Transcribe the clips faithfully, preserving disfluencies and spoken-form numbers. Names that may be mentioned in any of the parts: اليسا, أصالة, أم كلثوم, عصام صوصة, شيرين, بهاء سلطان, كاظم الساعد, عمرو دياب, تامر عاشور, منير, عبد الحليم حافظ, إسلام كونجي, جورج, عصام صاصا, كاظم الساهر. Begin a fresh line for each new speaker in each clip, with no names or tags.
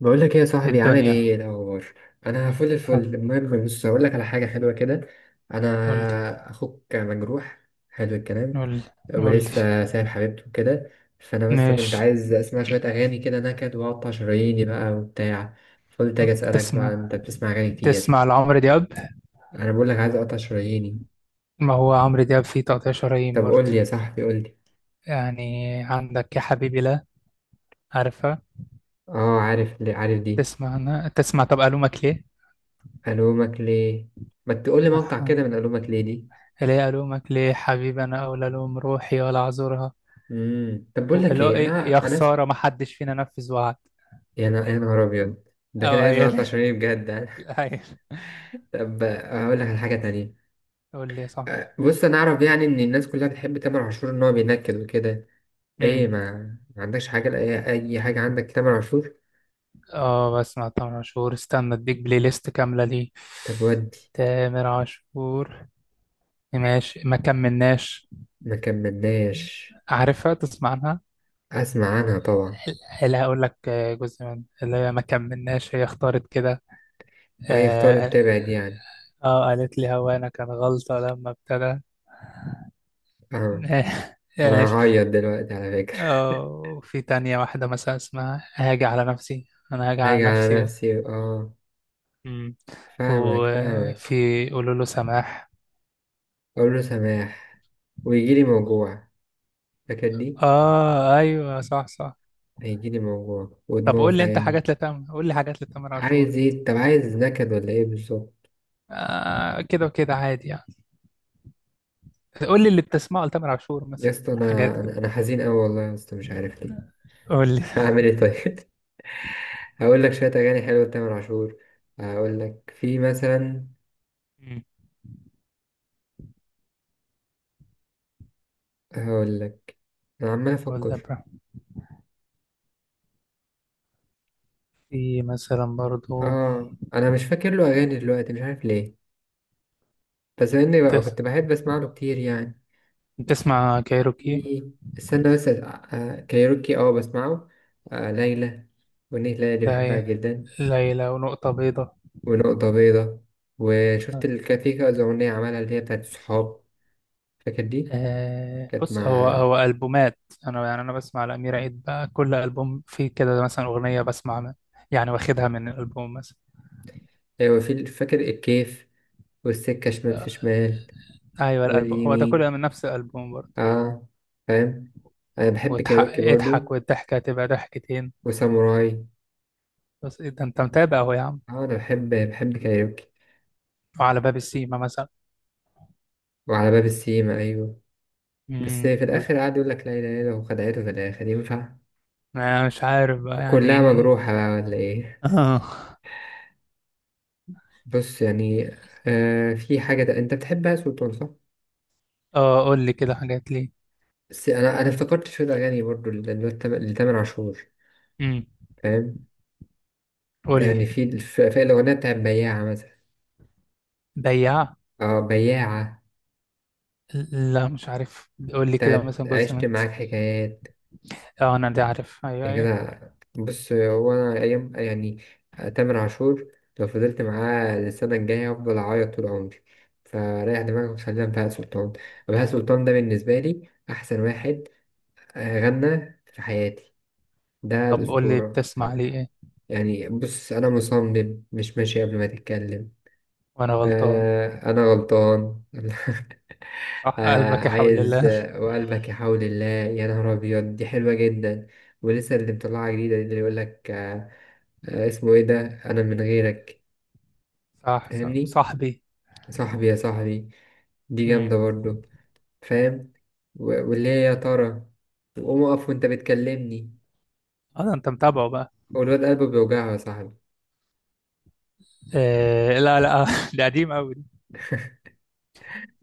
بقول لك ايه يا صاحبي؟ عامل
الدنيا.
ايه؟ إيه الاخبار؟ انا فل
ها؟
الفل. المهم بص، هقول لك على حاجه حلوه كده.
قولي.
انا اخوك مجروح. حلو الكلام.
قولي. قولي.
ولسه سايب حبيبته كده. فانا بس كنت
ماشي.
عايز اسمع شويه اغاني كده نكد واقطع شراييني بقى وبتاع. فقلت اجي اسالك، بقى
تسمع.
انت بتسمع اغاني كتير؟
تسمع لعمرو دياب.
انا بقول لك عايز اقطع شراييني.
ما هو عمرو دياب فيه تقطيع شرايين
طب قول
برضه.
لي يا صاحبي، قول لي.
يعني. عندك يا حبيبي، لا. عارفة؟
اه عارف ليه؟ عارف دي؟
تسمع أنا، تسمع، طب ألومك ليه؟
الومك ليه؟ ما تقول لي مقطع
أها.
كده من الومك ليه دي.
ليه ألومك ليه حبيبي؟ أنا أولى ألوم روحي ولا أعذرها.
امم طب بقول لك
وإلا-
ايه،
إيه، يا
انا انا.
خسارة ما حدش فينا نفذ وعد.
يا نا- يا نهار أبيض، ده كده
أو
عايز
هي.
نقطع شرايين بجد يعني.
هي.
طب هقول لك على حاجة تانية.
قول لي صعب.
أه، بص أنا أعرف يعني إن الناس كلها بتحب تامر عاشور، إن هو بينكد وكده. إيه ما ما عندكش حاجة؟ لأي أي حاجة عندك تامر عاشور؟
اه، بسمع تامر عاشور. استنى اديك بلاي ليست كاملة ليه.
طب ودي
تامر عاشور. ماشي، ما كملناش.
ما كملناش.
عارفها؟ تسمع عنها؟
أسمع عنها طبعا.
لا، هقول لك، آه، جزء من اللي هي ما كملناش. هي اختارت كده.
وهي اختارت
اه، آه.
تبعد يعني.
آه، قالت لي هوانا كان غلطة لما ابتدى.
فاهمك. أنا
ماشي.
هعيط دلوقتي على فكرة.
اه، وفي تانية واحدة مثلا اسمها هاجي على نفسي، انا هاجي على
هاجي على
نفسي.
نفسي آه.
مم.
فاهمك فاهمك.
وفي قولوا له سماح.
أقول له سماح، ويجيلي موجوع. فاكر دي؟
اه، ايوه، صح صح.
هيجيلي موجوع
طب
ودموع
قول
في
لي انت
عيني.
حاجات لتامر، قول لي حاجات لتامر عاشور.
عايز ايه؟ طب عايز نكد ولا ايه بالظبط؟
آه، كده وكده عادي يعني. قول لي اللي بتسمعه لتامر عاشور
يا
مثلا،
اسطى،
حاجات
انا
كده.
انا أنا حزين قوي والله يا اسطى، مش عارف ليه.
قول لي.
هعمل ايه طيب؟ هقول لك شويه اغاني حلوه لتامر عاشور. هقول لك في مثلا.
مم.
هقول لك. انا عمال
قول لي
افكر.
بقى. في مثلا برضو.
اه انا مش فاكر له اغاني دلوقتي، مش عارف ليه. بس اني بقى
بتس...
كنت بحب اسمع له كتير يعني.
بتسمع كايروكي؟
في- استنى بس آه، كايروكي اه بسمعه. آه ليلى، والأغنية ليلى دي بحبها
لي-
جدا.
ليلى ونقطة بيضاء.
ونقطة بيضة. وشفت الكافيه، كذا أغنية عملها اللي هي بتاعت الصحاب، فاكر دي؟
آه،
كانت
بص، هو
مع.
هو ألبومات. أنا، يعني، أنا بسمع لأمير عيد بقى، كل ألبوم فيه كده مثلا أغنية بسمع من- يعني واخدها من الألبوم مثلا.
أيوة في ال- فاكر الكيف؟ والسكة شمال
آه،
في شمال،
أيوه، الألبوم هو ده كله
واليمين.
من نفس الألبوم برضه.
اه، فاهم. أنا بحب
وتح-
كايروكي
اضحك
برضو،
والضحكة تبقى ضحكتين.
وساموراي.
بس إيه ده؟ انت متابع اهو يا عم.
اه أنا بحب بحب كايروكي.
وعلى باب السيما مثلا.
وعلى باب السيما أيوة. بس
امم
في
قول.
الآخر قعد يقول لك لا إله إلا الله، وخدعته في الآخر، ينفع؟
أنا مش عارف بقى
كلها
يعني.
مجروحة بقى ولا إيه؟
اه،
بص يعني. آه في حاجة أنت بتحبها، سلطان صح؟
اه، قول لي كده حاجات ليه.
بس انا انا افتكرت شويه اغاني برضو ل- اللي هو التم- لتامر عاشور.
امم.
فاهم.
قول
يعني
لي.
في الف- في الاغنيه بتاعت بياعه مثلا.
بياع.
اه بياعه.
لا، مش عارف، قول لي كده
بتاعت
مثلا جزء
عشت
من.
معاك حكايات.
اه، انا دي عارف، ايوه
يا
ايوه.
كده. بص هو انا ايام يعني، تامر عاشور لو فضلت معاه السنه الجايه هفضل اعيط طول عمري. فريح دماغك، وخلينا في بهاء سلطان. بهاء سلطان ده بالنسبه لي احسن واحد. آه، غنى في حياتي. ده
طب قول لي،
الاسطوره.
بتسمع لي
آه،
ايه؟
يعني بص انا مصمم مش ماشي قبل ما تتكلم.
وانا غلطان.
آه أنا غلطان.
صح
آه
قلبك يا حول
عايز
الله.
آه، وقلبك يحاول الله، يا نهار أبيض دي حلوة جدا. ولسه اللي مطلعها جديدة دي اللي يقول لك آه. آه، اسمه إيه ده، أنا من غيرك.
صح صح،
فاهمني.
صاحبي.
صاحبي يا صاحبي، دي
امم.
جامدة برضو. فاهم. و- واللي هي يا ترى. وقوم أقف وأنت بتكلمني.
اه، ده انت متابعه بقى.
والواد قلبه بيوجعه يا صاحبي.
إيه، لا لا، ده قديم قوي.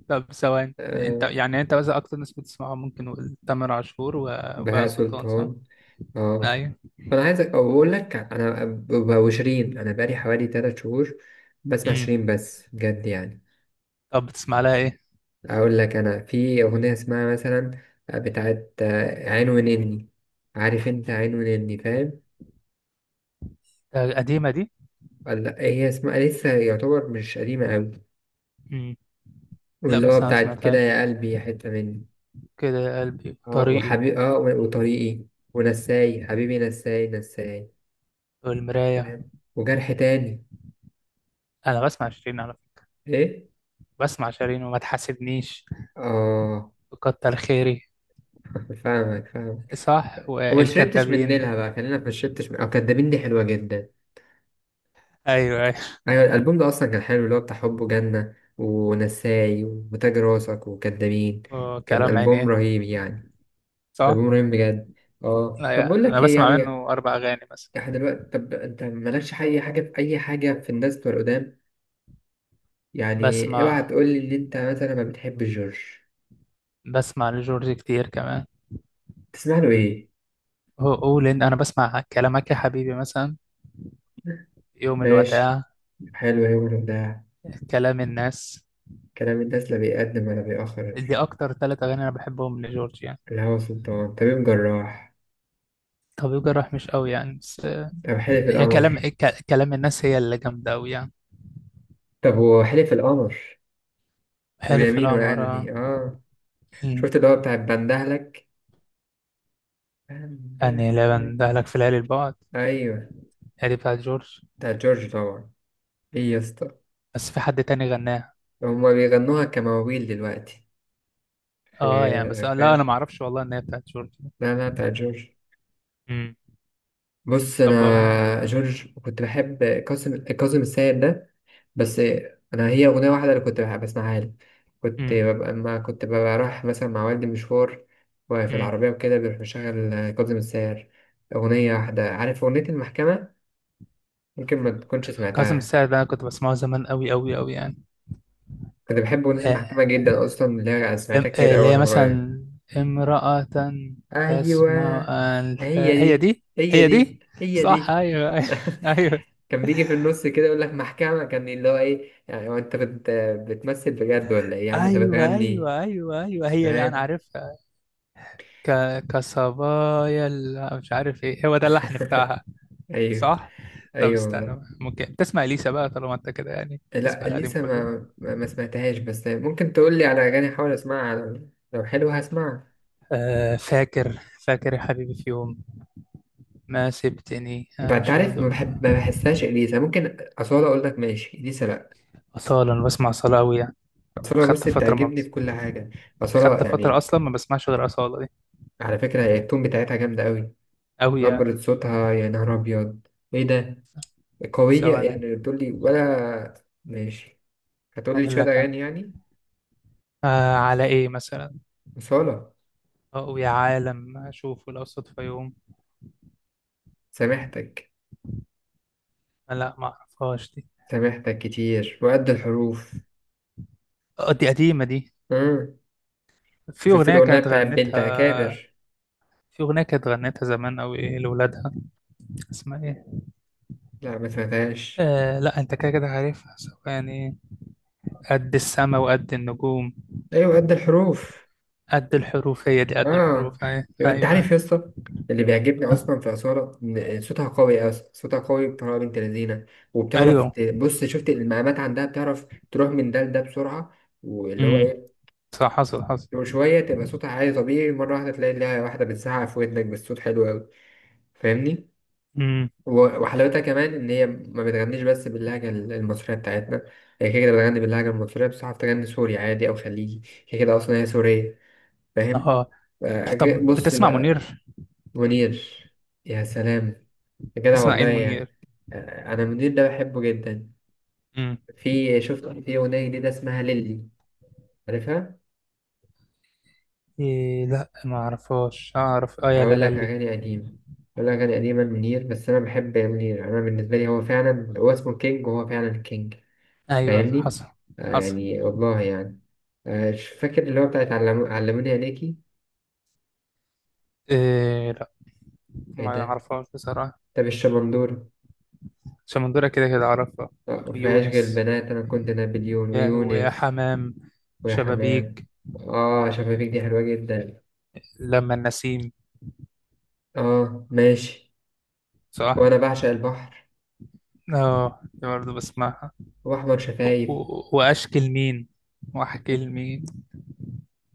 طب ثواني، انت،
آه
يعني، انت مثلا اكتر ناس بتسمعها، ممكن نقول تامر عاشور و- وبهاء
بهاء
سلطان، صح؟
سلطان. آه.
ايوه.
فانا عايزك او بقول لك، انا ببقى وشيرين، انا بقالي حوالي 3 شهور بسمع
امم.
شيرين بس، بجد يعني.
طب بتسمع لها ايه؟
اقول لك انا في اغنيه اسمها مثلا، بتاعت عين ونني. عارف انت عين ونني، فاهم.
ده قديمة دي؟
ولا هي اسمها، لسه يعتبر مش قديمه قوي.
امم. لا،
واللي
بس
هو
انا ما
بتاعت كده
سمعتهاش.
يا قلبي، يا حته مني.
كده يا قلبي،
اه
طريقي.
وحبيبي، اه و- وطريقي. ونساي حبيبي نساي نساي.
والمراية.
فاهم. وجرح تاني.
انا بسمع شيرين على فكرة.
ايه.
بسمع شيرين، وما تحاسبنيش.
اه
وكتر خيري.
فاهمك فاهمك.
صح،
وما شربتش من نيلها
والكدابين.
بقى، خلينا في ما شربتش من، أو كدابين دي حلوة جدا.
ايوه ايوه.
أيوة الألبوم ده أصلا كان حلو، اللي هو بتاع حب جنة ونساي وتاج راسك وكدابين. كان
وكلام
ألبوم
عينيه.
رهيب يعني.
صح؟
ألبوم رهيب بجد.
لا
اه طب بقول
يا. انا
لك ايه
بسمع
يعني،
منه اربع اغاني مثلا.
احنا دلوقتي، طب انت مالكش اي حاجة في اي حاجة في الناس بتوع القدام؟ يعني اوعى
بسمع
تقول لي ان انت مثلا ما بتحبش جورج.
بسمع لجورج كتير كمان.
تسمع له ايه؟
أو- قول إن أنا بسمع كلامك يا حبيبي مثلا. يوم
ماشي.
الوداع.
حلو يا ده.
كلام الناس.
كلام الناس لا بيقدم ولا بيأخر.
دي أكتر ثلاث أغاني أنا بحبهم لجورج يعني.
الهوى سلطان، طبيب جراح.
طبيب جراح مش قوي يعني، بس.
طب حلف
هي كلام
القمر.
ك- كلام الناس هي اللي جامدة أوي يعني.
طب هو حلف القمر،
حلف
ويمين، وقال
القمر.
دي اه.
مم.
شفت اللي هو بتاع بندهلك؟
أني لا
بندهلك.
بندهلك في ليالي البعد.
ايوه،
هي دي بتاعت جورج.
بتاع جورج طبعا. ايه يا اسطى؟
بس في حد تاني غناها.
هما بيغنوها كمواويل دلوقتي. في.
اه، يعني بس، لا
فاهم.
أنا معرفش والله إن هي بتاعت جورج.
لا لا، بتاع جورج.
مم.
بص
طب آه،
انا جورج كنت بحب، كاظم كاظم السيد ده. بس انا هي اغنيه واحده اللي كنت بحب اسمعها له. كنت
مم.
ببقى لما كنت ببقى رايح مثلا مع والدي مشوار، وفي
مم.
العربيه وكده بيروح مشغل آه، كاظم الساهر. اغنيه واحده، عارف اغنيه المحكمه؟ ممكن ما تكونش
كاظم
سمعتها.
الساعد ده أنا كنت بسمعه زمان أوي أوي أوي يعني.
كنت بحب اغنيه
آه.
المحكمه جدا اصلا، اللي هي
ام-
سمعتها كتير
آه،
قوي
اللي هي
وانا صغير.
مثلا. امرأة.
ايوه،
تسمع؟ الف...
هي
هي
دي
دي.
هي
هي
دي
دي
هي
صح،
دي.
ايوه ايوه
كان بيجي في النص كده يقول لك محكمه، كان اللي هو ايه يعني، هو انت بت... بتمثل بجد ولا ايه يا عم انت
ايوه
بتغني؟
ايوه ايوه ايوه ايوه، هي دي انا
فاهم.
عارفها. ك... كصبايا ال- مش عارف ايه هو ده اللحن بتاعها.
ايوه،
صح. طب
ايوه والله.
استنى، ممكن تسمع اليسا بقى طالما انت كده يعني تسمع
لا
القديم
لسه
كله.
ما ما ما سمعتهاش، بس ممكن تقول لي على اغاني احاول اسمعها، لو لو حلوه هسمعها.
آه، فاكر. فاكر يا حبيبي، في يوم. ما سبتني
ب- انت
امشي
عارف، ما
ودون.
بحب ما بحسهاش اليسا، ممكن اصاله، اقول لك ماشي اليسا لا.
اصاله، انا بسمع اصاله قوي يعني.
اصاله
خدت
بص
فتره ما
بتعجبني في
بس...
كل حاجه. اصاله
خدت فتره
يعني.
اصلا ما بسمعش غير اصاله.
على فكره هي التون بتاعتها جامده قوي.
أوي يعني.
نبره صوتها يا نهار ابيض. ايه ده؟ قويه
ثواني.
يعني، تقول لي ولا ماشي؟ هتقول لي
أقول
شويه
لك أنا.
اغاني يعني.
آه على إيه مثلا؟
اصاله.
أو يا عالم أشوفه لو صدفة يوم.
سامحتك.
لا، ما أعرفهاش دي.
سامحتك كتير، وقد الحروف.
آه، دي قديمة دي. في
شفت
أغنية
الأغنية
كانت
بتاع بنت
غنتها.
أكابر؟
في أغنية كانت غنتها زمان أوي، إيه لولادها. اسمها إيه؟
لا ما سمعتهاش.
آه، لا أنت كده كده عارفها. ثواني. قد السما وقد النجوم.
أيوة قد الحروف.
قد الحروف، هي دي قد
آه.
الحروف، أيوه
يبقى أنت
أيوه.
عارف يا اسطى، اللي بيعجبني أصلا في أصالة إن صوتها قوي أصلا، صوتها قوي بطريقة بنت لذينة. وبتعرف ت-
أيوه.
بص شفت المقامات عندها، بتعرف تروح من ده لده بسرعة. واللي هو
امم.
إيه.
صح، حصل حصل.
وشوية تبقى صوتها عالي طبيعي، مرة واحدة تلاقي لها واحدة بتزعق في ودنك بالصوت، حلو أوي. فاهمني؟
امم.
و- وحلاوتها كمان ان هي ما بتغنيش بس باللهجه ال- المصريه بتاعتنا. هي كده كده بتغني باللهجه المصريه، بس عارف تغني سوري عادي او خليجي. هي كده اصلا، هي سوريه. فاهم.
أه،
آه،
طب
ج- بص
بتسمع منير؟
بقى. منير، يا سلام، يا جدع
تسمع إيه
والله
منير؟
يعني. آه، انا منير ده بحبه جدا. في شفت في اغنيه جديده اسمها ليلي؟ عارفها؟
إيه، لا، ما اعرفهاش. اعرف اه يا
اقول لك
لالي.
اغاني قديمه. اقول لك اغاني قديمه منير. بس انا بحب منير، انا بالنسبه لي هو فعلا، هو اسمه كينج وهو فعلا كينج.
ايوه
فاهمني.
حصل.
آه
حصل.
يعني والله يعني. آه مش فاكر اللي هو بتاعت علم... علموني عليكي.
إيه، لا،
ايه
ما
ده.
اعرفهاش بصراحه.
طب الشمندورة.
شمندوره كده كده اعرفها.
آه مفيهاش غير
ويونس.
البنات، انا كنت نابليون
يا ويا
ويونس.
حمام.
ويا حمام.
شبابيك.
اه، شفافيك دي حلوة جدا.
لما النسيم.
اه ماشي.
صح.
وانا بعشق البحر.
اه، دي برضه بسمعها.
واحمر
و-
شفايف.
و- واشكي لمين. واحكي لمين.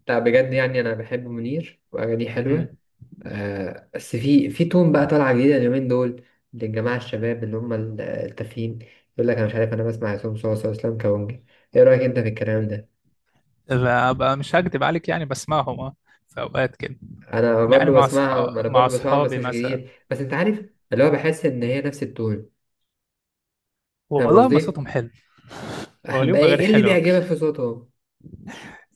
لا بجد يعني، انا بحب منير واغانيه
امم.
حلوة. آه، بس في في تون بقى طالعة جديدة اليومين دول، للجماعة الشباب اللي هم ال- التافهين. يقول لك أنا مش عارف، أنا بسمع عصام صوصة وإسلام كونجي. إيه رأيك أنت في الكلام ده؟
بقى مش هكدب عليك، يعني بسمعهم اه. في اوقات كده.
أنا
يعني
برضه
مع صحاب
بسمعهم، أنا
مع
برضه بسمعهم بس
اصحابي
مش
مثلا.
كتير، بس أنت عارف، اللي هو بحس إن هي نفس التون. فاهم
والله ما
قصدي؟
صوتهم حلو. هو
بقى
ليهم
إيه
اغاني
إيه اللي
حلوه.
بيعجبك في صوتهم؟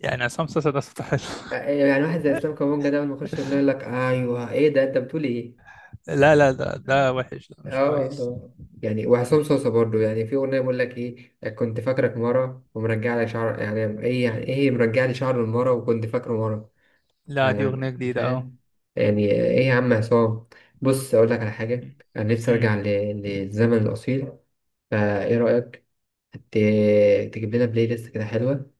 يعني عصام صاصا ده صوته حلو.
آه، يعني واحد زي إسلام كونجي ده، لما يخش يغني يقول لك أيوه إيه ده، أنت بتقول إيه؟
لا لا، ده ده وحش، ده مش
اه
كويس.
والله يعني. وعصام صوصة برضو، يعني في أغنية بقول لك إيه، كنت فاكرك مرة ومرجع لي شعر، يعني إيه، يعني إيه مرجع لي شعر المرة وكنت فاكره مرة.
لا، دي
آه
أغنية جديدة أهو.
فاهم. يعني إيه يا عم عصام؟ بص أقول لك على حاجة، أنا نفسي
أمم.
أرجع ل- للزمن الأصيل. فإيه رأيك، ت- تجيب لنا بلاي ليست كده حلوة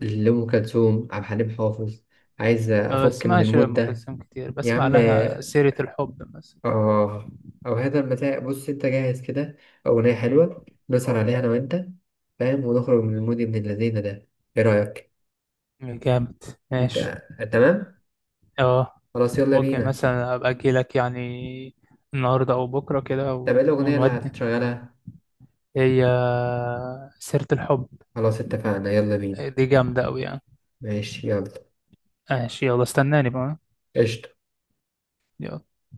لأم كلثوم، عبد الحليم حافظ؟ عايز
ما
أفك من
بسمعش
المود
أم
ده.
كلثوم كتير،
يا
بسمع
عم
لها سيرة الحب مثلا.
اه، او هذا المساء. بص انت جاهز كده، اغنيه
أمم.
حلوه نسهر عليها انا وانت. فاهم، ونخرج من المود ابن اللذين ده. ايه رايك؟
جامد.
انت.
ماشي.
تمام.
اه.
خلاص يلا
ممكن
بينا.
مثلا أبقى أجيلك يعني النهاردة أو بكرة كده
طب ايه
و-
الاغنيه اللي
ونودي.
هتشغلها؟
هي. سيرة الحب.
خلاص اتفقنا، يلا بينا.
دي جامدة أوي يعني.
ماشي يلا.
ماشي يلا، استناني بقى.
قشطة.
يلا.